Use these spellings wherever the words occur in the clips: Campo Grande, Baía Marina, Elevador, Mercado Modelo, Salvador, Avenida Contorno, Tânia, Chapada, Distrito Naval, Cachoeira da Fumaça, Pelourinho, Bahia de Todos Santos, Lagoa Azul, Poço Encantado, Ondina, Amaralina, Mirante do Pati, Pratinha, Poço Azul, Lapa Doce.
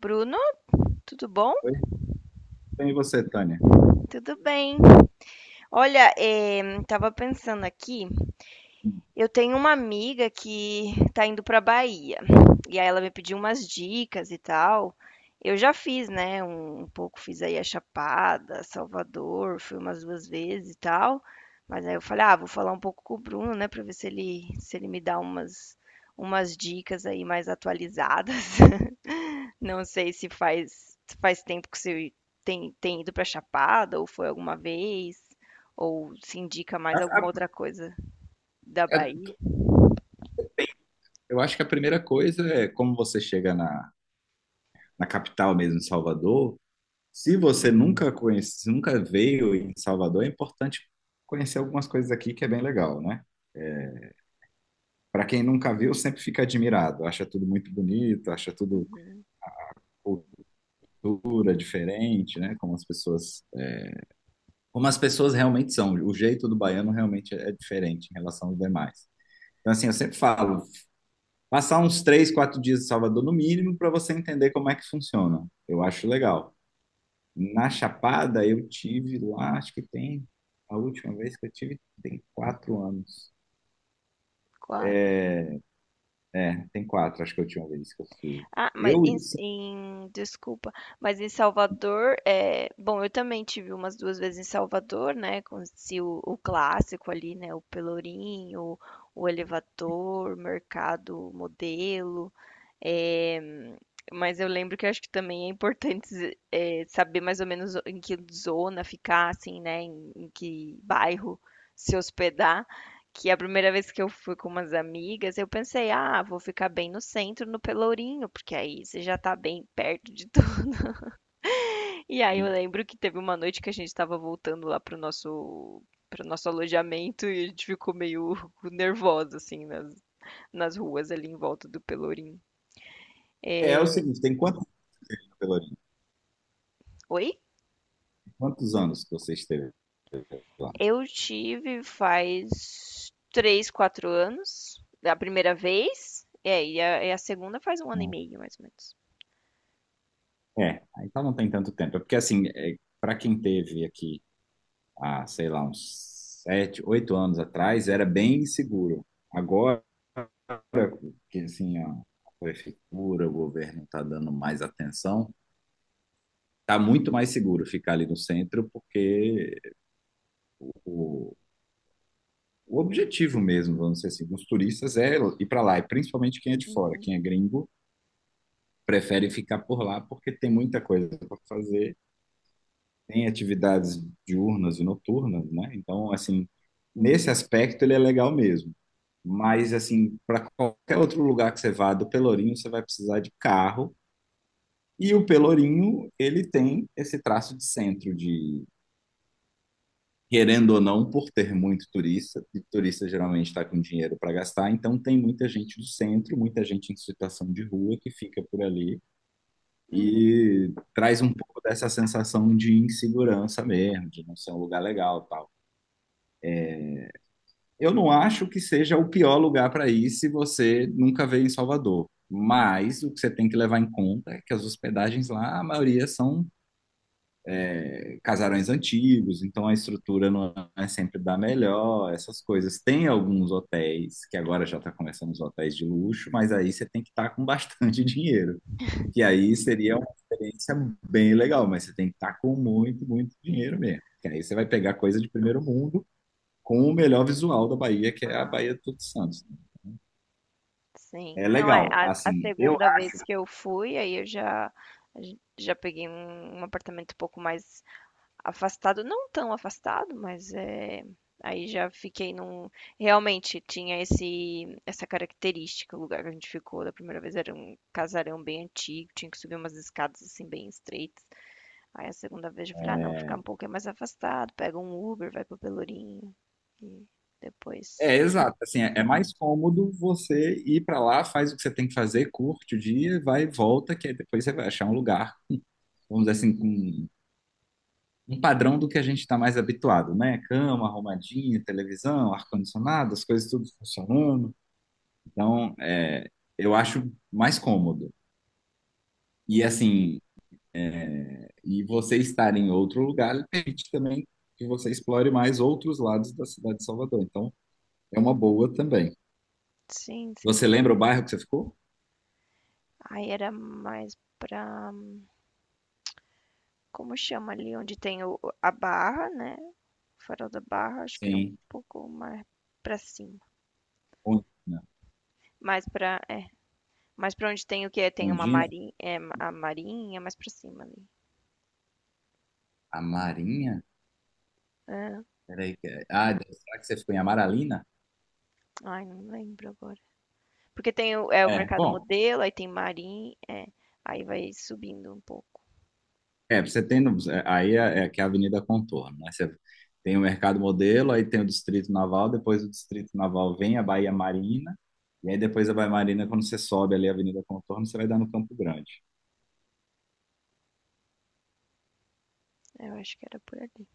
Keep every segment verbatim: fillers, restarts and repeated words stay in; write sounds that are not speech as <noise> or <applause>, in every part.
Bruno, tudo bom? Oi, bem você, Tânia? Tudo bem. Olha, eh, tava pensando aqui, eu tenho uma amiga que tá indo pra Bahia. E aí ela me pediu umas dicas e tal. Eu já fiz, né? Um, um pouco fiz aí a Chapada, Salvador, fui umas duas vezes e tal. Mas aí eu falei, ah, vou falar um pouco com o Bruno, né? Pra ver se ele, se ele me dá umas, umas dicas aí mais atualizadas. <laughs> Não sei se faz se faz tempo que você tem tem ido para Chapada ou foi alguma vez, ou se indica mais alguma outra coisa da É, Bahia. eu acho que a primeira coisa é como você chega na, na capital mesmo, em Salvador. Se você nunca conhece, se nunca veio em Salvador, é importante conhecer algumas coisas aqui que é bem legal, né? Para quem nunca viu, sempre fica admirado, acha tudo muito bonito, acha tudo Uhum. cultura diferente, né? Como as pessoas, como as pessoas realmente são. O jeito do baiano realmente é diferente em relação aos demais. Então, assim, eu sempre falo, passar uns três, quatro dias em Salvador, no mínimo, para você entender como é que funciona. Eu acho legal. Na Chapada, eu tive lá, acho que tem. A última vez que eu tive tem quatro anos. quatro. É, é, tem quatro, acho que a última vez que eu fui. Ah, mas Eu, em assim, em desculpa, mas em Salvador, é bom, eu também tive umas duas vezes em Salvador, né, conheci o o clássico ali, né, o Pelourinho, o Elevador, Mercado Modelo. É, mas eu lembro que eu acho que também é importante, <laughs> é, saber mais ou menos em que zona ficar, assim, né? Em, em que bairro se hospedar. Que a primeira vez que eu fui com umas amigas, eu pensei, ah, vou ficar bem no centro, no Pelourinho, porque aí você já tá bem perto de tudo. <laughs> E aí eu lembro que teve uma noite que a gente tava voltando lá pro nosso para o nosso alojamento e a gente ficou meio <laughs> nervosa, assim, nas, nas ruas ali em volta do Pelourinho. é, é o seguinte, tem quantos anos, Pelourinho? Oi? Quantos anos que você esteve lá? Eu tive faz três, quatro anos, da primeira vez. É, e a, e a segunda faz um ano e meio, mais ou menos. É, então não tem tanto tempo. É porque, assim, é, para quem teve aqui há, sei lá, uns sete, oito anos atrás, era bem seguro. Agora que assim, a prefeitura, o governo está dando mais atenção, está muito mais seguro ficar ali no centro, porque o, o objetivo mesmo, vamos dizer assim, dos turistas é ir para lá, e principalmente quem é de fora, Uhum. quem é gringo, prefere ficar por lá porque tem muita coisa para fazer, tem atividades diurnas e noturnas, né? Então, assim, nesse aspecto ele é legal mesmo. Mas, assim, para qualquer outro lugar que você vá do Pelourinho, você vai precisar de carro. E o Pelourinho, ele tem esse traço de centro, de, querendo ou não, por ter muito turista, e turista geralmente está com dinheiro para gastar, então tem muita gente do centro, muita gente em situação de rua que fica por ali Uhum. e traz um pouco dessa sensação de insegurança mesmo, de não ser um lugar legal, e tal. Eu não acho que seja o pior lugar para ir se você nunca veio em Salvador. Mas o que você tem que levar em conta é que as hospedagens lá, a maioria são casarões antigos, então a estrutura não é sempre da melhor, essas coisas. Tem alguns hotéis, que agora já está começando os hotéis de luxo, mas aí você tem que estar com bastante <laughs> dinheiro. Que aí seria uma experiência bem legal, mas você tem que estar com muito, muito dinheiro mesmo. Que aí você vai pegar coisa de primeiro mundo com o melhor visual da Bahia, que é a Ah, Bahia de Todos Santos. sim. É Não, é, legal, a, a assim, eu, segunda vez que eu fui, aí eu já, já peguei um, um apartamento um pouco mais afastado, não tão afastado, mas é, aí já fiquei num. Realmente tinha esse, essa característica. O lugar que a gente ficou da primeira vez era um casarão bem antigo, tinha que subir umas escadas assim bem estreitas. Aí a segunda vez eu falei, ah, não, ficar é, um pouquinho mais afastado, pega um Uber, vai pro Pelourinho. E depois. é, exato. Assim, é é mais cômodo você ir para lá, faz o que você tem que fazer, curte o dia, vai e volta, que aí depois você vai achar um lugar, vamos dizer assim, com um padrão do que a gente está mais habituado, né? Cama arrumadinha, televisão, ar-condicionado, as coisas tudo funcionando. Então, é, eu acho mais cômodo. E assim, é, e você estar em outro lugar permite também que você explore mais outros lados da cidade de Salvador. Então, é uma boa também. Sim, sim, Você com lembra o bairro certeza. que você ficou? Aí era mais pra. Como chama ali? Onde tem o- a barra, né? O farol da barra, acho que era um Sim. pouco mais pra cima. Ondina. Mais pra, é, mais pra onde tem o quê? Tem uma Ondina? marinha, é, a marinha, mais pra cima ali. A Marinha? Ah, Peraí. que- Ah, será que você ficou em Amaralina? ai, não lembro agora. Porque tem o, é, o É, mercado bom. modelo, aí tem marinha, é, aí vai subindo um pouco. É, você tem. No- é, aí é, é que é a Avenida Contorno, né? Você tem o Mercado Modelo, aí tem o Distrito Naval, depois o Distrito Naval vem a Baía Marina, e aí depois a Baía Marina, quando você sobe ali a Avenida Contorno, você vai dar no Campo Grande. Eu acho que era por ali.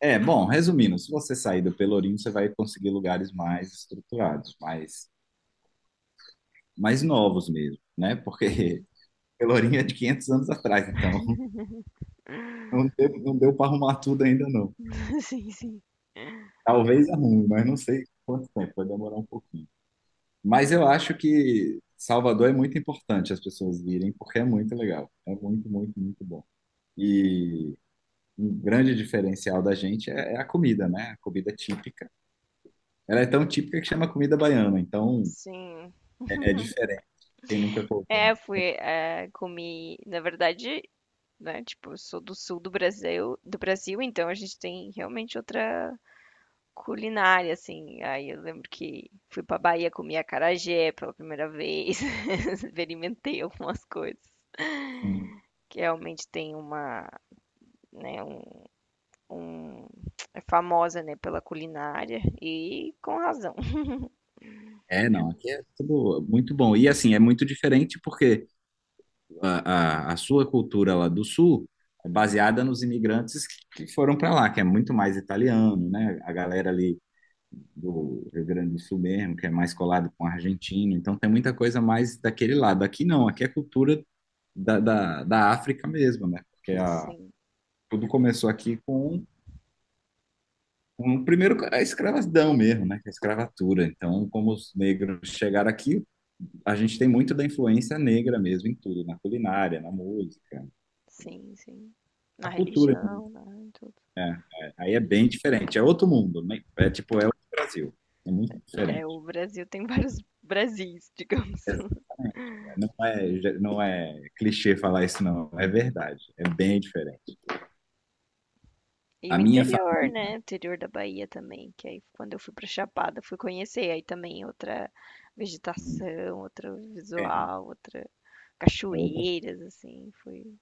É, bom, resumindo, se você sair do Pelourinho, você vai conseguir lugares mais estruturados, mais, mais novos mesmo, né? Porque Sim. <laughs> Pelourinho é de quinhentos anos atrás, então. Não teve, não deu para arrumar tudo ainda, não. <laughs> Sim, sim. Talvez arrume, mas não sei quanto tempo, vai demorar um pouquinho. Mas eu acho que Salvador é muito importante as pessoas virem, porque é muito legal. É muito, muito, muito bom. E um grande diferencial da gente é, é a comida, né? A comida típica. Ela é tão típica que chama comida baiana, então Sim. é, é diferente. Quem nunca provou. É, eu fui, é, comi, na verdade, né, tipo, eu sou do sul do Brasil, do Brasil, então a gente tem realmente outra culinária, assim. Aí eu lembro que fui pra Bahia comer acarajé pela primeira vez, <laughs> experimentei algumas coisas Hum. que realmente tem uma, né, um, um- é famosa, né, pela culinária e com razão. É, não, aqui é tudo muito bom. E assim, é muito diferente porque a, a, a sua cultura lá do Sul é baseada nos imigrantes que foram para lá, que é muito mais italiano, né? A galera ali do Rio Grande do Sul mesmo, que é mais colado com argentino, então tem muita coisa mais daquele lado. Aqui não, aqui é cultura da, da, da África mesmo, né? Porque a, Sim, tudo começou aqui com um primeiro a escravidão mesmo, né? Que é a escravatura. Então, como os negros chegaram aqui, a gente tem muito da influência negra mesmo em tudo, na culinária, na música, sim, sim. Na na cultura. religião, né, em tudo. É, é, Aí é bem diferente, é outro mundo, né? É tipo, é outro Brasil, é muito diferente. É, o Brasil tem <laughs> vários Brasis, digamos. É, Não é, não é clichê falar isso, não, é verdade, é bem diferente. E A o minha interior, né? família O interior da Bahia também, que aí quando eu fui pra Chapada, fui conhecer aí também outra vegetação, outro é, visual, outra é outra. cachoeiras assim, foi.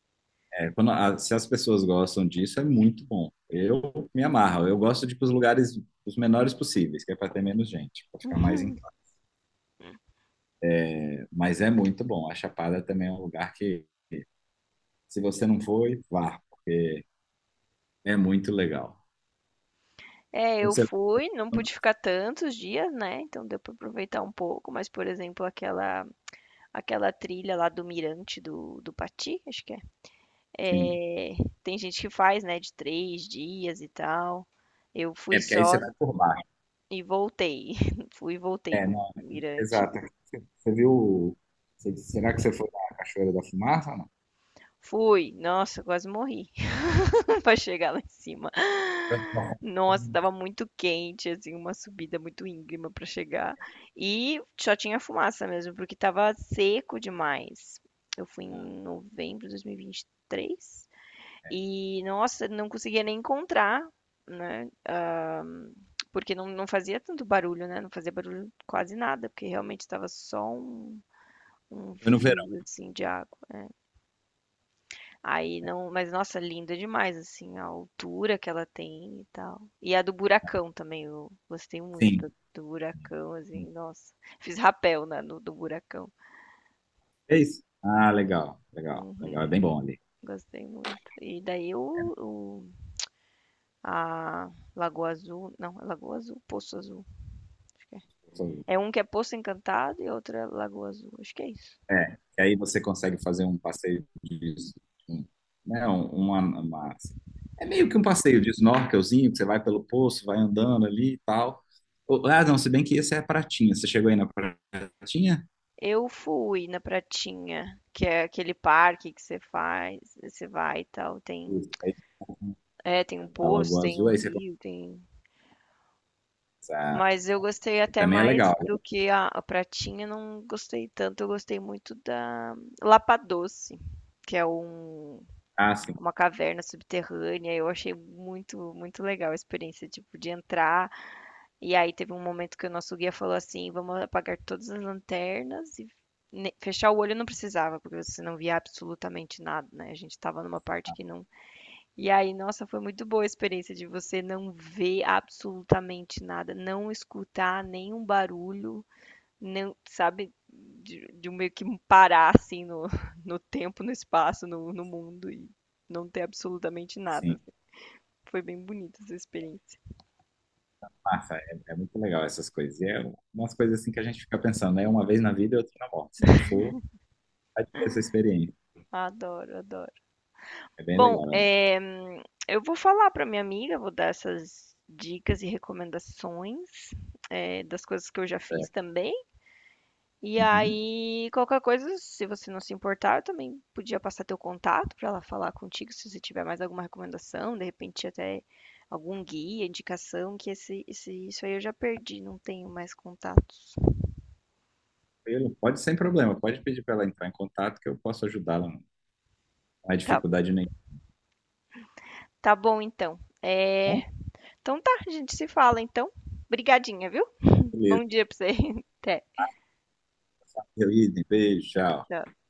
É, quando a- se as pessoas gostam disso, é muito bom. Eu me amarro, eu gosto de ir para os lugares os menores possíveis, que é para ter menos gente, para ficar mais em casa. Mas é muito bom, a Chapada também é um lugar que, se você não foi, vá, porque é muito legal. É, eu Você, fui, não pude ficar tantos dias, né? Então deu pra aproveitar um pouco, mas por exemplo, aquela aquela trilha lá do Mirante do do Pati, acho que é. sim. É, tem gente que faz, né, de três dias e tal. Eu É, fui porque aí você só vai por, e voltei. <laughs> Fui e voltei é, no não, Mirante. exato. Você, você viu. Você- será que você foi na Cachoeira da Fumaça ou não? Fui. Nossa, eu quase morri <laughs> para chegar lá em cima. Não. Nossa, estava muito quente, assim, uma subida muito íngreme para chegar. E só tinha fumaça mesmo, porque tava seco demais. Eu fui Ah, em novembro de dois mil e vinte e três e, vinte e três e, nossa, não conseguia nem encontrar, né? Porque não, não fazia tanto barulho, né? Não fazia barulho quase nada, porque realmente tava só um, um foi no verão, fio, assim, de água. Aí não, mas nossa, linda demais assim a altura que ela tem e tal. E a do buracão também, eu gostei muito sim. do, do buracão, assim, nossa. Fiz rapel na, no do buracão. É isso? Ah, legal, legal, legal. É bem bom ali. Gostei muito. E daí o, o- a Lagoa Azul, não, é Lagoa Azul, Poço Azul. É um que é Poço Encantado e outro é Lagoa Azul. Acho que é isso. É, que aí você consegue fazer um passeio de, um- né, um- uma, uma- é meio que um passeio de snorkelzinho, que você vai pelo poço, vai andando ali e tal. Ou- Ah, não, se bem que esse é a Pratinha. Você chegou aí na Pratinha? Eu fui na Pratinha, que é aquele parque que você faz, você vai e tal, tem Isso, aí, é, tem um a poço, Lagoa tem o Azul, aí você... rio, tem Ah, Mas eu gostei até também é mais legal. do que a, a pratinha, não gostei tanto. Eu gostei muito da Lapa Doce, que é um, Ah, sim. uma caverna subterrânea. Eu achei muito, muito legal a experiência, tipo, de entrar. E aí teve um momento que o nosso guia falou assim: vamos apagar todas as lanternas e ne- fechar o olho não precisava, porque você não via absolutamente nada, né? A gente estava numa parte que não e aí, nossa, foi muito boa a experiência de você não ver absolutamente nada, não escutar nenhum barulho, não, sabe, de, de um meio que um parar assim no, <laughs> no tempo, no espaço, no, no mundo e não ter absolutamente nada. Sim, Foi bem bonita essa experiência. massa, é, é muito legal essas coisas. E é umas coisas assim que a gente fica pensando, né? Uma vez na vida e outra na morte. Se não for, vai ter essa experiência. Adoro, adoro. É bem Bom, legal, né? é, eu vou falar para minha amiga, vou dar essas dicas e recomendações, é, das coisas que eu já fiz É. também. E Uhum. aí, qualquer coisa, se você não se importar, eu também podia passar teu contato para ela falar contigo, se você tiver mais alguma recomendação, de repente até algum guia, indicação, que esse, esse, isso aí eu já perdi, não tenho mais contatos. Tranquilo. Pode sem problema, pode pedir para ela entrar em contato que eu posso ajudá-la. Não é Tá, dificuldade nenhuma. tá bom então. É, então tá, a gente se fala então. Obrigadinha, viu? Beleza. Bom dia pra você. <laughs> Até. Beleza, beijo, tchau. Tchau.